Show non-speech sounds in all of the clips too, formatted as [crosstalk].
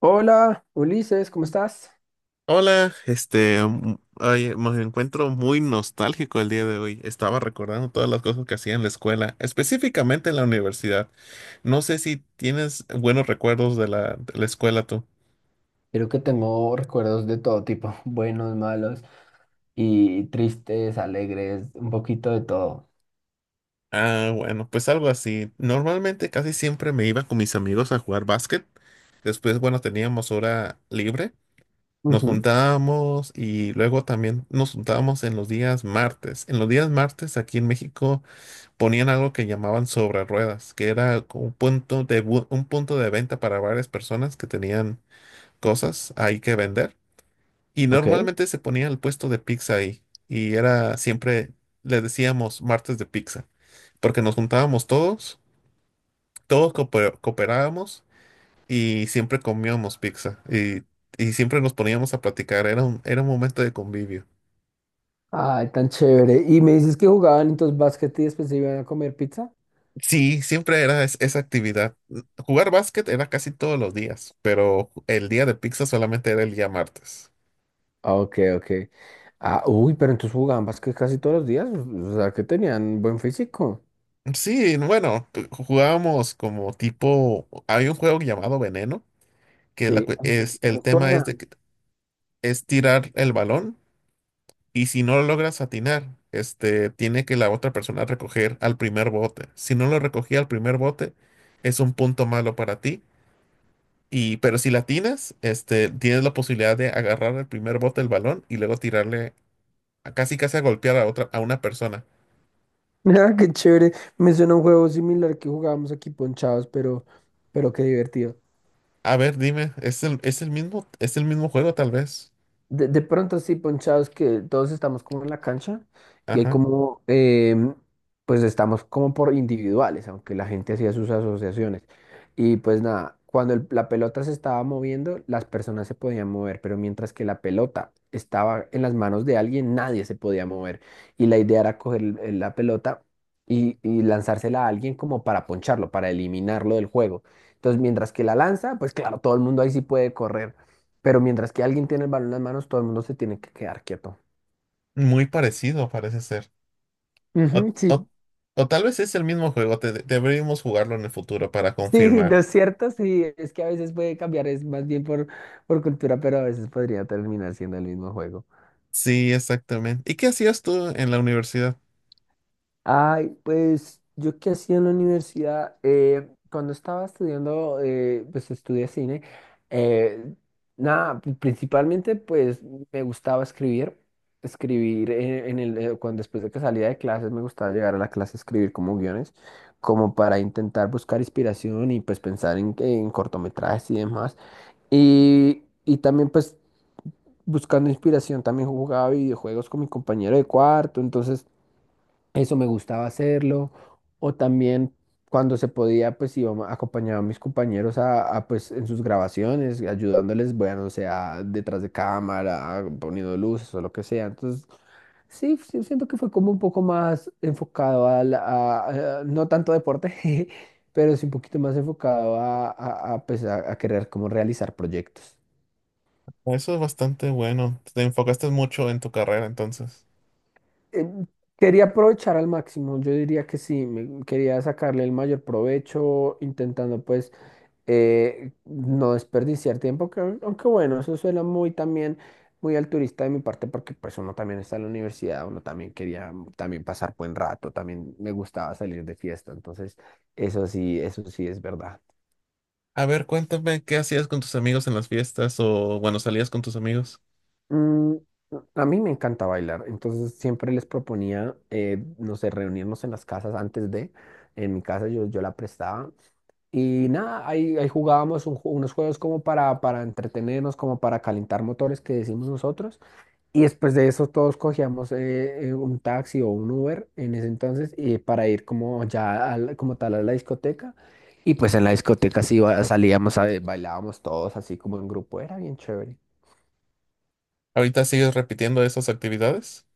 Hola, Ulises, ¿cómo estás? Hola, oye, me encuentro muy nostálgico el día de hoy. Estaba recordando todas las cosas que hacía en la escuela, específicamente en la universidad. No sé si tienes buenos recuerdos de la escuela tú. Creo que tengo recuerdos de todo tipo, [laughs] buenos, malos y tristes, alegres, un poquito de todo. Ah, bueno, pues algo así. Normalmente casi siempre me iba con mis amigos a jugar básquet. Después, bueno, teníamos hora libre. Nos Ujú. juntábamos y luego también nos juntábamos en los días martes. En los días martes aquí en México ponían algo que llamaban sobre ruedas, que era como un punto de venta para varias personas que tenían cosas ahí que vender. Y Ok. normalmente se ponía el puesto de pizza ahí. Y era siempre, le decíamos martes de pizza, porque nos juntábamos todos, todos cooperábamos y siempre comíamos pizza. Y siempre nos poníamos a platicar. Era un momento de convivio. Ay, tan chévere. Y me dices que jugaban entonces básquet y después se iban a comer pizza. Sí, siempre era esa actividad. Jugar básquet era casi todos los días, pero el día de pizza solamente era el día martes. Ah, ok, ok. Ah, uy, pero entonces jugaban básquet casi todos los días. O sea, que tenían buen físico. Sí, bueno, jugábamos como tipo, hay un juego llamado Veneno, que Sí, ay, me me el tema es suena. de [laughs] que es tirar el balón y si no lo logras atinar, tiene que la otra persona recoger al primer bote. Si no lo recogía al primer bote, es un punto malo para ti. Y, pero si la atinas, tienes la posibilidad de agarrar el primer bote del balón y luego tirarle casi casi a golpear a una persona. Ah, qué chévere. Me suena un juego similar que jugábamos aquí ponchados, pero qué divertido. A ver, dime, es el mismo juego tal vez. De pronto sí, ponchados que todos estamos como en la cancha y hay Ajá. como, pues estamos como por individuales, aunque la gente hacía sus asociaciones. Y pues nada, cuando la pelota se estaba moviendo, las personas se podían mover, pero mientras que la pelota estaba en las manos de alguien, nadie se podía mover. Y la idea era coger la pelota y lanzársela a alguien como para poncharlo, para eliminarlo del juego. Entonces, mientras que la lanza, pues claro, todo el mundo ahí sí puede correr. Pero mientras que alguien tiene el balón en las manos, todo el mundo se tiene que quedar quieto. Muy parecido parece ser. O, Ujú, sí. o- o tal vez es el mismo juego, deberíamos jugarlo en el futuro para Sí, no confirmar. es cierto, sí, es que a veces puede cambiar, es más bien por, cultura, pero a veces podría terminar siendo el mismo juego. Sí, exactamente. ¿Y qué hacías tú en la universidad? Ay, pues yo qué hacía en la universidad. Cuando estaba estudiando, pues estudié cine, eh, nada, principalmente pues me gustaba escribir, cuando después de que salía de clases me gustaba llegar a la clase a escribir como guiones, como para intentar buscar inspiración y pues pensar en cortometrajes y demás. Y también pues buscando inspiración también jugaba videojuegos con mi compañero de cuarto, entonces. Eso me gustaba hacerlo. O también cuando se podía, pues acompañaba a mis compañeros pues en sus grabaciones, ayudándoles, bueno, o sea, detrás de cámara, poniendo luces o lo que sea. Entonces, sí, sí, siento que fue como un poco más enfocado no tanto deporte, [laughs] pero sí un poquito más enfocado pues, a querer como realizar proyectos. Eso es bastante bueno. Te enfocaste mucho en tu carrera entonces. Eh, Quería aprovechar al máximo, yo diría que sí, quería sacarle el mayor provecho, intentando pues no desperdiciar tiempo, que, aunque bueno, eso suena muy también, muy altruista de mi parte, porque pues uno también está en la universidad, uno también quería también pasar buen rato, también me gustaba salir de fiesta, entonces eso sí es verdad. A ver, cuéntame, ¿qué hacías con tus amigos en las fiestas o bueno, salías con tus amigos? Mm, a mí me encanta bailar, entonces siempre les proponía, no sé, reunirnos en las casas antes de, en mi casa yo la prestaba. Y nada, ahí jugábamos unos juegos como para entretenernos, como para calentar motores que decimos nosotros. Y después de eso todos cogíamos un taxi o un Uber en ese entonces y para ir como ya como tal a la discoteca. Y pues en la discoteca sí salíamos, bailábamos todos así como en grupo, era bien chévere. ¿Ahorita sigues repitiendo esas actividades?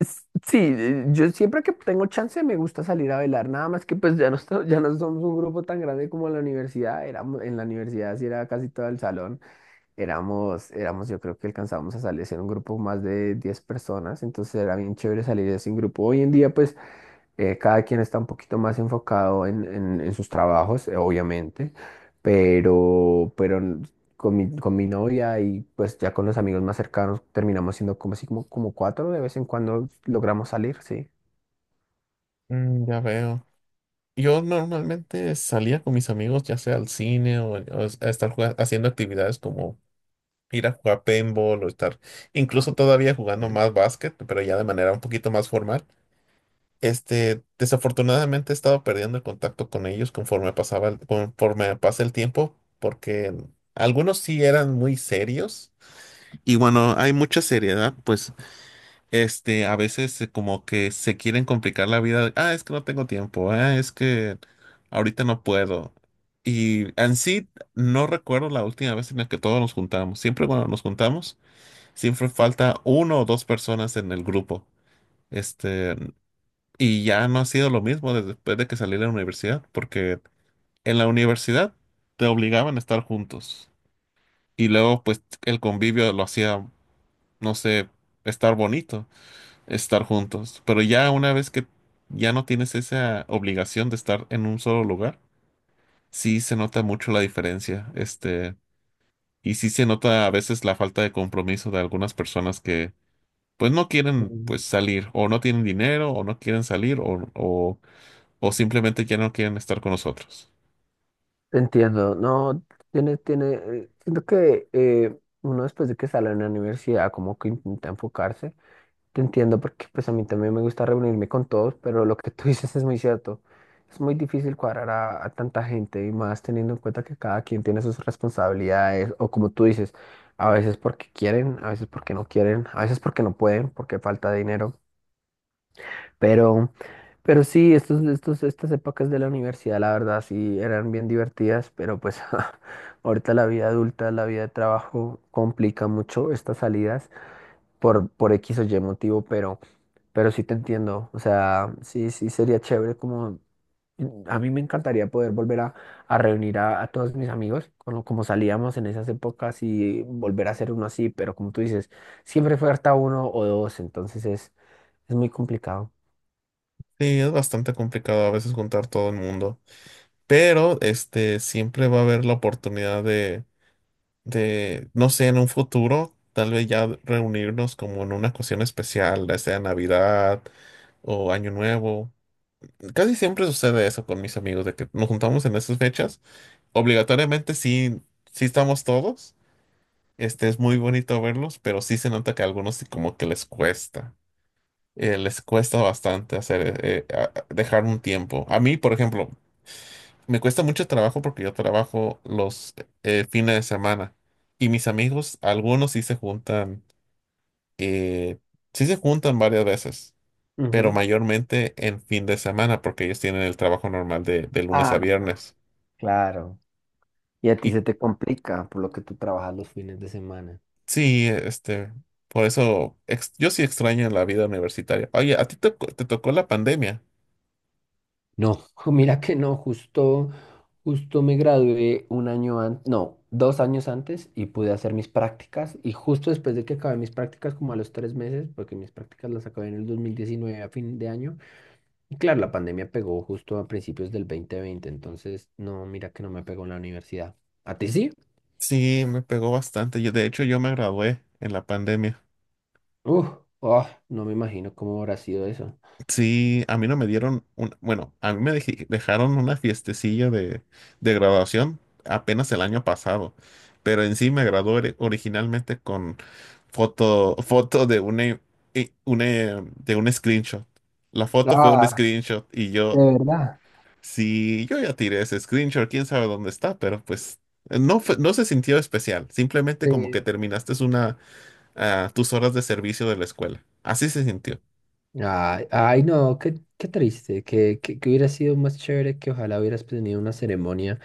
Sí, yo siempre que tengo chance me gusta salir a bailar, nada más que pues ya no, ya no somos un grupo tan grande como en la universidad, en la universidad sí era casi todo el salón, éramos yo creo que alcanzábamos a salir, ser un grupo más de 10 personas, entonces era bien chévere salir así en grupo. Hoy en día pues cada quien está un poquito más enfocado en, en sus trabajos, obviamente, pero, pero con mi novia y pues ya con los amigos más cercanos terminamos siendo como así como, como cuatro, de vez en cuando logramos salir, sí. Mm, ya veo. Yo normalmente salía con mis amigos, ya sea al cine o a estar jugando, haciendo actividades como ir a jugar paintball o estar incluso todavía jugando Bien. más básquet, pero ya de manera un poquito más formal. Desafortunadamente he estado perdiendo el contacto con ellos conforme pasaba, conforme pasa el tiempo, porque algunos sí eran muy serios. Y bueno, hay mucha seriedad, pues, a veces como que se quieren complicar la vida. Ah, es que no tengo tiempo. Ah, es que ahorita no puedo. Y en sí, no recuerdo la última vez en la que todos nos juntamos. Siempre cuando nos juntamos, siempre falta uno o dos personas en el grupo. Este, y ya no ha sido lo mismo desde después de que salí de la universidad, porque en la universidad te obligaban a estar juntos. Y luego, pues, el convivio lo hacía, no sé, estar bonito, estar juntos. Pero ya una vez que ya no tienes esa obligación de estar en un solo lugar, sí se nota mucho la diferencia. Y sí se nota a veces la falta de compromiso de algunas personas que pues no quieren Mm. pues salir, o no tienen dinero, o no quieren salir, o simplemente ya no quieren estar con nosotros. Entiendo, no, tiene, siento que uno después de que sale de la universidad como que intenta enfocarse. Te entiendo porque pues a mí también me gusta reunirme con todos, pero lo que tú [laughs] dices es muy cierto. Es muy difícil cuadrar a tanta gente y más teniendo en cuenta que cada quien tiene sus responsabilidades o como tú dices, a veces porque quieren, a veces porque no quieren, a veces porque no pueden, porque falta dinero. Pero, pero sí, estas épocas de la universidad, la verdad, sí eran bien divertidas, pero pues [laughs] ahorita la vida adulta, la vida de trabajo complica mucho estas salidas por X o Y motivo, pero sí te entiendo, o sea, sí, sí sería chévere como, mm, a mí me encantaría poder volver a reunir a todos mis amigos, como, como salíamos en esas épocas y volver a hacer uno así, pero como tú dices, siempre falta uno o dos, entonces es muy complicado. Sí, es bastante complicado a veces juntar todo el mundo, pero este siempre va a haber la oportunidad no sé, en un futuro, tal vez ya reunirnos como en una ocasión especial, ya sea Navidad o Año Nuevo. Casi siempre sucede eso con mis amigos, de que nos juntamos en esas fechas. Obligatoriamente sí, sí estamos todos. Es muy bonito verlos, pero sí se nota que a algunos sí como que les cuesta. Les cuesta bastante hacer, dejar un tiempo. A mí, por ejemplo, me cuesta mucho trabajo porque yo trabajo los fines de semana y mis amigos, algunos eh, sí se juntan varias veces, pero Ujú. mayormente en fin de semana porque ellos tienen el trabajo normal de lunes a Ah, viernes. claro. Y a ti Y se te complica por lo que tú trabajas los fines de semana. sí, por eso yo sí extraño la vida universitaria. Oye, ¿a ti te tocó la pandemia? No, [laughs] mira que no, justo, me gradué un año antes, no, 2 años antes y pude hacer mis prácticas y justo después de que acabé mis prácticas, como a los 3 meses, porque mis prácticas las acabé en el 2019 a fin de año, y claro, la pandemia pegó justo a principios del 2020, entonces no, mira que no me pegó en la universidad. ¿A ti sí? Sí, me pegó bastante. Yo, de hecho, yo me gradué en la pandemia. Uf, ah, no me imagino cómo habrá sido eso. Sí, a mí no me dieron un, bueno, a mí me dejaron una fiestecilla de, graduación apenas el año pasado, pero en sí me gradué originalmente con foto de una, i- i- una, de un screenshot. La foto fue un Ah, screenshot y ¿de yo, verdad? sí, yo ya tiré ese screenshot, quién sabe dónde está, pero pues no se sintió especial, simplemente como que terminaste tus horas de servicio de la escuela. Así se sintió. Ay, ay, no, qué, triste, que hubiera sido más chévere, que ojalá hubieras tenido una ceremonia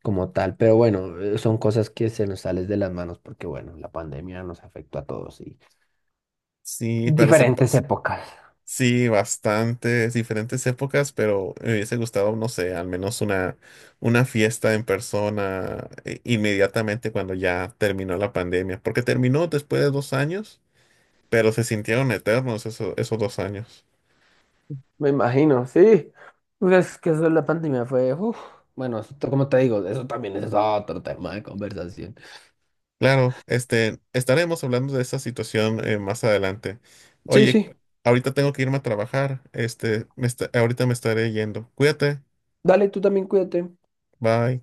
como tal, pero bueno, son cosas que se nos salen de las manos porque bueno, la pandemia nos afectó a todos y Sí, pero se diferentes pasó. épocas. Sí, bastantes diferentes épocas, pero me hubiese gustado, no sé, al menos una fiesta en persona inmediatamente cuando ya terminó la pandemia, porque terminó después de 2 años, pero se sintieron eternos esos 2 años. Me imagino, sí. Pues, es que eso de la pandemia fue. Uf. Bueno, esto, como te digo, eso también es otro tema de conversación. Claro, estaremos hablando de esa situación más adelante. Sí, Oye, sí. ahorita tengo que irme a trabajar, ahorita me estaré yendo. Cuídate, Dale, tú también cuídate. bye.